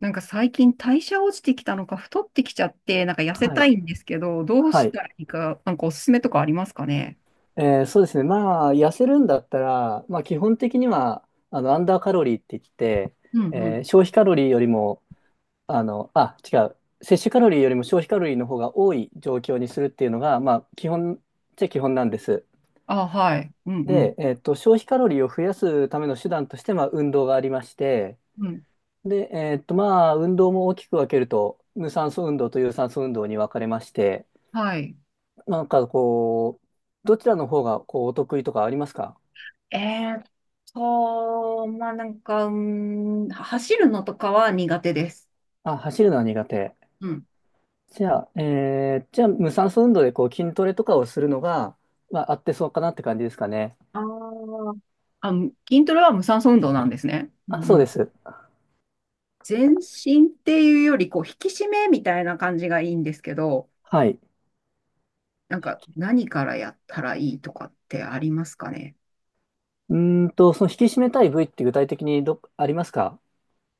なんか最近代謝落ちてきたのか太ってきちゃって、なんか痩せはたいい。んですけど、どうはしい。たらいいか、なんかおすすめとかありますかね？そうですね。まあ、痩せるんだったら、まあ、基本的には、アンダーカロリーって言って、うんうん。消費カロリーよりも、あ、違う。摂取カロリーよりも消費カロリーの方が多い状況にするっていうのが、まあ、基本っちゃ基本なんです。あ、はい。うんうで、消費カロリーを増やすための手段として、まあ、運動がありまして、ん。うん。で、まあ、運動も大きく分けると、無酸素運動と有酸素運動に分かれまして、はい。なんかこう、どちらの方がこうお得意とかありますか？えーっまあなんか、走るのとかは苦手です。あ、走るのは苦手。うん。じゃあ、無酸素運動でこう筋トレとかをするのが、まあ、合ってそうかなって感じですかね。あー。筋トレは無酸素運動なんですね。うあ、んうそうでん。す。全身っていうより、こう、引き締めみたいな感じがいいんですけど、はい。なんか、何からやったらいいとかってありますかね？その引き締めたい部位って具体的にありますか？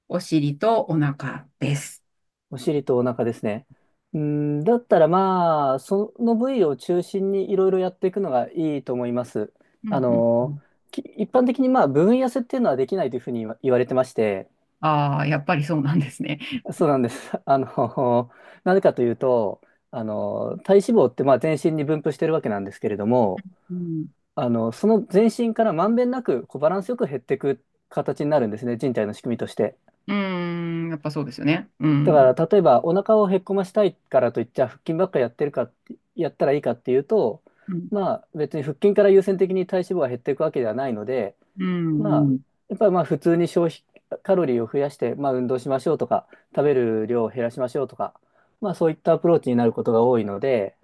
お尻とお腹です。お尻とお腹ですね。うーん、だったらまあ、その部位を中心にいろいろやっていくのがいいと思います。うあんうんうの、ん。一般的にまあ、部分痩せっていうのはできないというふうに言われてまして、ああ、やっぱりそうなんですね。そうなんです。あの、なぜかというと、体脂肪ってまあ全身に分布してるわけなんですけれども、うん。その全身からまんべんなくこうバランスよく減っていく形になるんですね、人体の仕組みとして。うーん、やっぱそうですよね。うだん。から、例えばお腹をへっこましたいからといって、じゃあ腹筋ばっかやってるかって、やったらいいかっていうと、うん。まあ別に腹筋から優先的に体脂肪が減っていくわけではないので、うまあ、ん。うやっぱりまあ普通に消費カロリーを増やして、まあ、運動しましょうとか、食べる量を減らしましょうとか、まあ、そういったアプローチになることが多いので、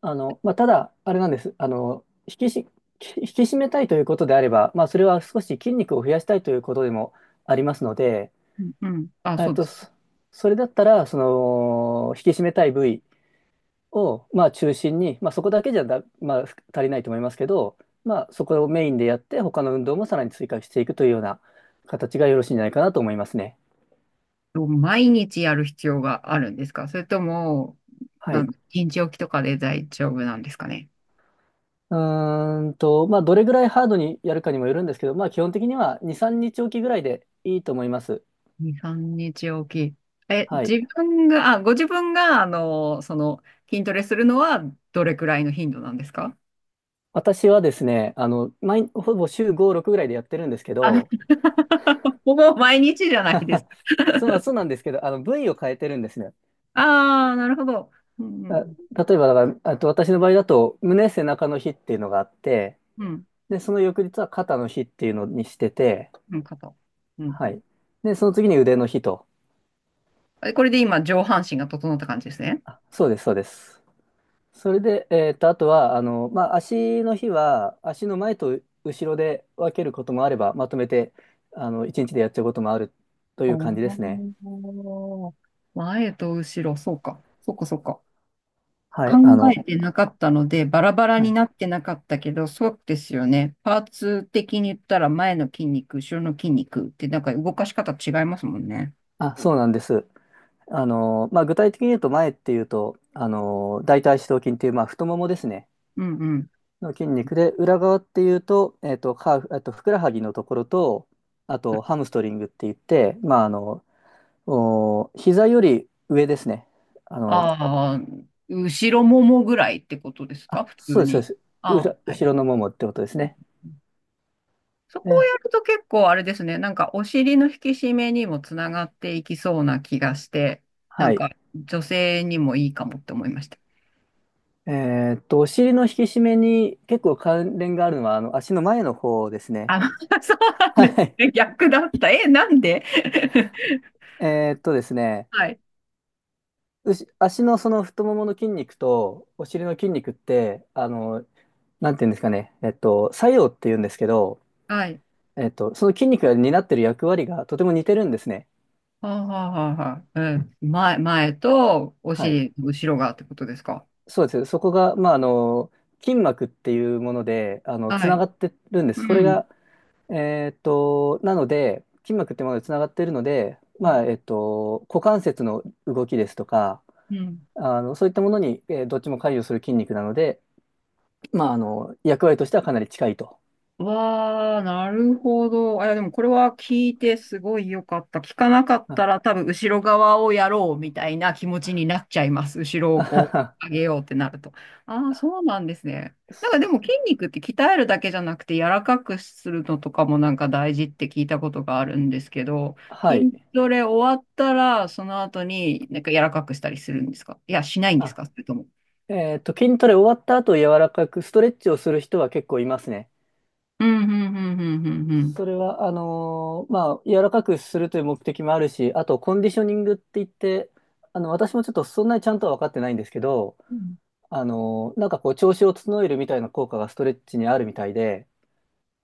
ただ、あれなんです、引き締めたいということであれば、まあ、それは少し筋肉を増やしたいということでもありますので、ん。うん。あ、えそっうでと、す。そそれだったら、その引き締めたい部位を、まあ、中心に、まあ、そこだけじゃだ、まあ、足りないと思いますけど、まあ、そこをメインでやって、他の運動もさらに追加していくというような形がよろしいんじゃないかなと思いますね。毎日やる必要があるんですか？それとも、はい。一日おきとかで大丈夫なんですかね。まあ、どれぐらいハードにやるかにもよるんですけど、まあ、基本的には2、3日おきぐらいでいいと思います。2、3日おき。え、はい。自分が、あ、ご自分が、筋トレするのはどれくらいの頻度なんですか？私はですね、ほぼ週5、6ぐらいでやってるんですけあの、 ど、ほぼ毎日じゃないです そうそうなんですけど、部位を変えてるんですね。ああ、なるほど。うん、うあん、例えばだから、あと私の場合だと、胸、背中の日っていうのがあって、うん、で、その翌日は肩の日っていうのにしてて、うん、肩。うん。はい。で、その次に腕の日と。え、これで今、上半身が整った感じですね。あ、そうです、そうです。それで、あとは、まあ、足の日は、足の前と後ろで分けることもあれば、まとめて、一日でやっちゃうこともあるといあうあ、感じですね。前と後ろ、そうか。そうか、そうか。は考い、えてなかったので、バラバラはにい。なってなかったけど、そうですよね。パーツ的に言ったら、前の筋肉、後ろの筋肉って、なんか動かし方違いますもんね。あ、そうなんです。まあ、具体的に言うと、前っていうと、大腿四頭筋っていう、まあ、太ももですね。うんうん。の筋肉で、裏側っていうと、えっと、ハーフ、えっと、ふくらはぎのところと、あと、ハムストリングって言って、まあ、お膝より上ですね。あの、ああ、後ろももぐらいってことですか？あ、普そう通です、そうでに。す。ああ、は後い。ろのももってことですね。そこをね、やると結構あれですね、なんかお尻の引き締めにもつながっていきそうな気がして、なはんい。か女性にもいいかもって思いました。お尻の引き締めに結構関連があるのは、足の前の方ですね。あ、そう なんはですい。ね。逆だった。え、なんで？ ですね、はい。うし、足のその太ももの筋肉とお尻の筋肉って、なんていうんですかね、作用っていうんですけど、はい。その筋肉が担っている役割がとても似てるんですね。はあ、はあはあはあ、うん、前、前とおはい。尻、後ろがってことですか。そうです。そこが、まあ、筋膜っていうもので、つはない。がってるんでうす。それん。が、なので、筋膜ってものでつながってるので、うまん。あ、股関節の動きですとか、うん。そういったものに、どっちも関与する筋肉なので、まあ、役割としてはかなり近いと。わあ、なるほど。あ、いや、でもこれは聞いてすごい良かった。聞かなかったらあ多分後ろ側をやろうみたいな気持ちになっちゃいます。後ろをあはこうは上げようってなると。ああ、そうなんですね。なんかでも筋肉って鍛えるだけじゃなくて柔らかくするのとかもなんか大事って聞いたことがあるんですけど、はい。筋トレ終わったらその後になんか柔らかくしたりするんですか？いや、しないんですあ、か？それとも。筋トレ終わった後、柔らかくストレッチをする人は結構いますね。うん、うん、うん、うん、うん、うん。それは、まあ、柔らかくするという目的もあるし、あと、コンディショニングって言って、私もちょっとそんなにちゃんとは分かってないんですけど、うん。なんかこう、調子を整えるみたいな効果がストレッチにあるみたいで、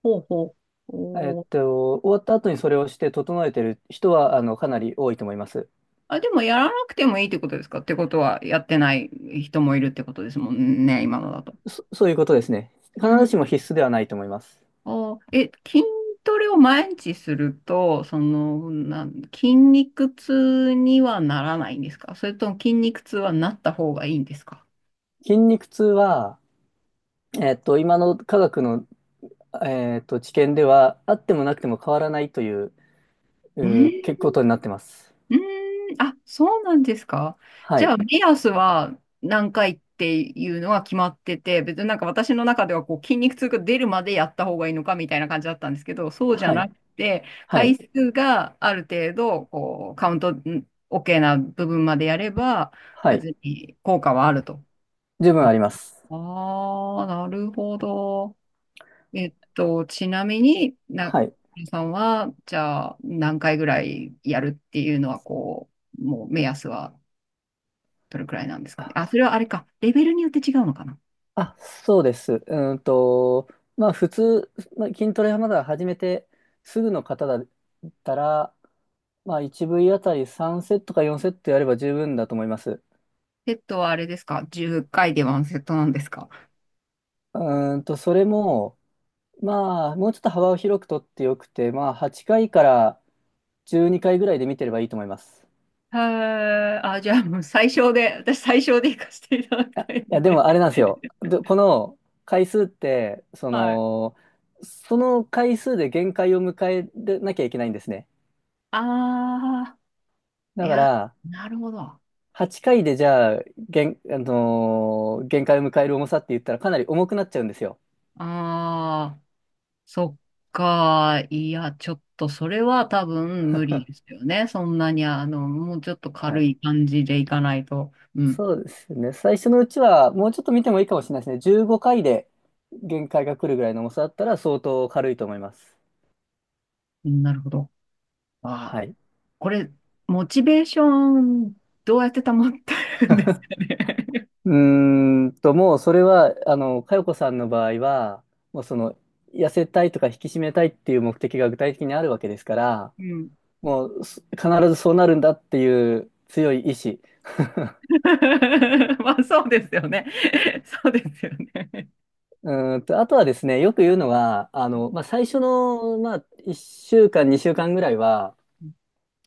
ほうほう。お。終わった後にそれをして整えてる人は、かなり多いと思います。あ、でもやらなくてもいいってことですか？ってことは、やってない人もいるってことですもんね、今のだと。そういうことですね。う必ずん。しも必須ではないと思います。筋トレを毎日すると、その、筋肉痛にはならないんですか？それとも筋肉痛はなった方がいいんですか？筋肉痛は、今の科学の、知見では、あってもなくても変わらないという、ん。結構ことになってます。うーん、あ、そうなんですか。はじゃい。あ、目安は何回っていうのは決まってて、別になんか私の中ではこう筋肉痛が出るまでやった方がいいのかみたいな感じだったんですけど、そうじゃはない。くて、は回い。数がある程度、こう、カウントん OK な部分までやれば、はい。別に効果はあると。十分ああります。あー、なるほど。ちなみに、はい。さんは、じゃあ、何回ぐらいやるっていうのは、こう、もう目安はどれくらいなんですかね。あ、あ、それはあれか。レベルによって違うのかな。あそうです。まあ普通、まあ、筋トレはまだ始めてすぐの方だったら、まあ 1V あたり3セットか4セットやれば十分だと思います。セットはあれですか？ 10 回でワンセットなんですか？それも、まあもうちょっと幅を広くとってよくて、まあ8回から12回ぐらいで見てればいいと思います。へえ、あ、じゃあもう最小で、私最小で行かせていただいきや、たいんいやでで。もあれなんですよ。で、この回数って、はい。その回数で限界を迎えなきゃいけないんですね。ああ、いだかや、ら、なるほど。あ8回でじゃあ、限、あのー限界を迎える重さって言ったらかなり重くなっちゃうんですよ。あ、そっか。いや、ちょっとそれは多分無 理ですよね。そんなに、もうちょっとは軽い。い感じでいかないと。うん。そうですね。最初のうちは、もうちょっと見てもいいかもしれないですね。15回で限界が来るぐらいの重さだったら相当軽いと思います。なるほど。まあ、はい。これ、モチベーション、どうやって保ってるんですかね。うもうそれは、佳代子さんの場合は、もうその、痩せたいとか引き締めたいっていう目的が具体的にあるわけですから、うん。もう必ずそうなるんだっていう強い意志。まあ、そうですよね。そうですよね。あとはですね、よく言うのは、まあ、最初の、まあ、1週間、2週間ぐらいは、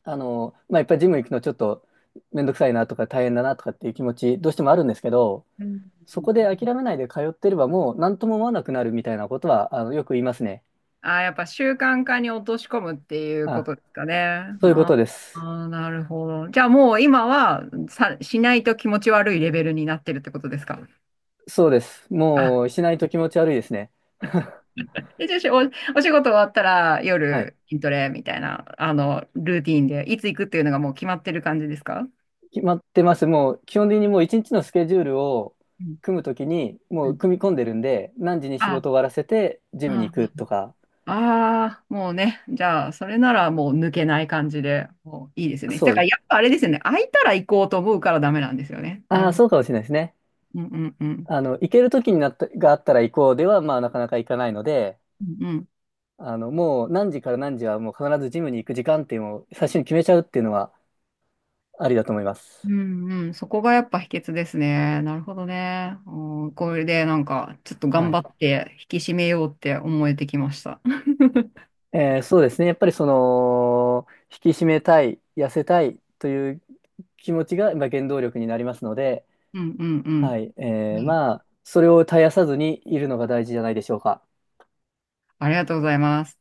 まあ、やっぱりジム行くのちょっとめんどくさいなとか大変だなとかっていう気持ち、どうしてもあるんですけど、うん。そこで諦めないで通ってればもう何とも思わなくなるみたいなことは、よく言いますね。あ、やっぱ習慣化に落とし込むっていうこあ、とですかね。そういうこあとです。あ、なるほど。じゃあもう今はしないと気持ち悪いレベルになってるってことですか？そうです。あ、もうしないと気持ち悪いですね。で、じゃあしお、お仕事終わったらはい。夜筋トレみたいな、ルーティーンで、いつ行くっていうのがもう決まってる感じですか？決まってます。もう基本的にもう一日のスケジュールをうん組むときにうもうん。組み込んでるんで、何時に仕あ、事終わらせてジムにあ行くとか。あー、もうね。じゃあ、それならもう抜けない感じで、もういいですよね。そだうからです。やっぱあれですよね。空いたら行こうと思うからダメなんですよね。なあるあ、ほど。そうかもしれないですね。うんうんうん。行けるときになったがあったら行こうでは、まあなかなか行かないので、うんうんもう何時から何時はもう必ずジムに行く時間っていうのを最初に決めちゃうっていうのはありだと思いまうす。ん。うん、そこがやっぱ秘訣ですね。なるほどね。うん、これでなんか、ちょっとは頑張い。って引き締めようって思えてきました。そうですね。やっぱりその、引き締めたい、痩せたいという気持ちが、まあ、原動力になりますので、うんうんうはん。い。はい。まあ、それを絶やさずにいるのが大事じゃないでしょうか。ありがとうございます。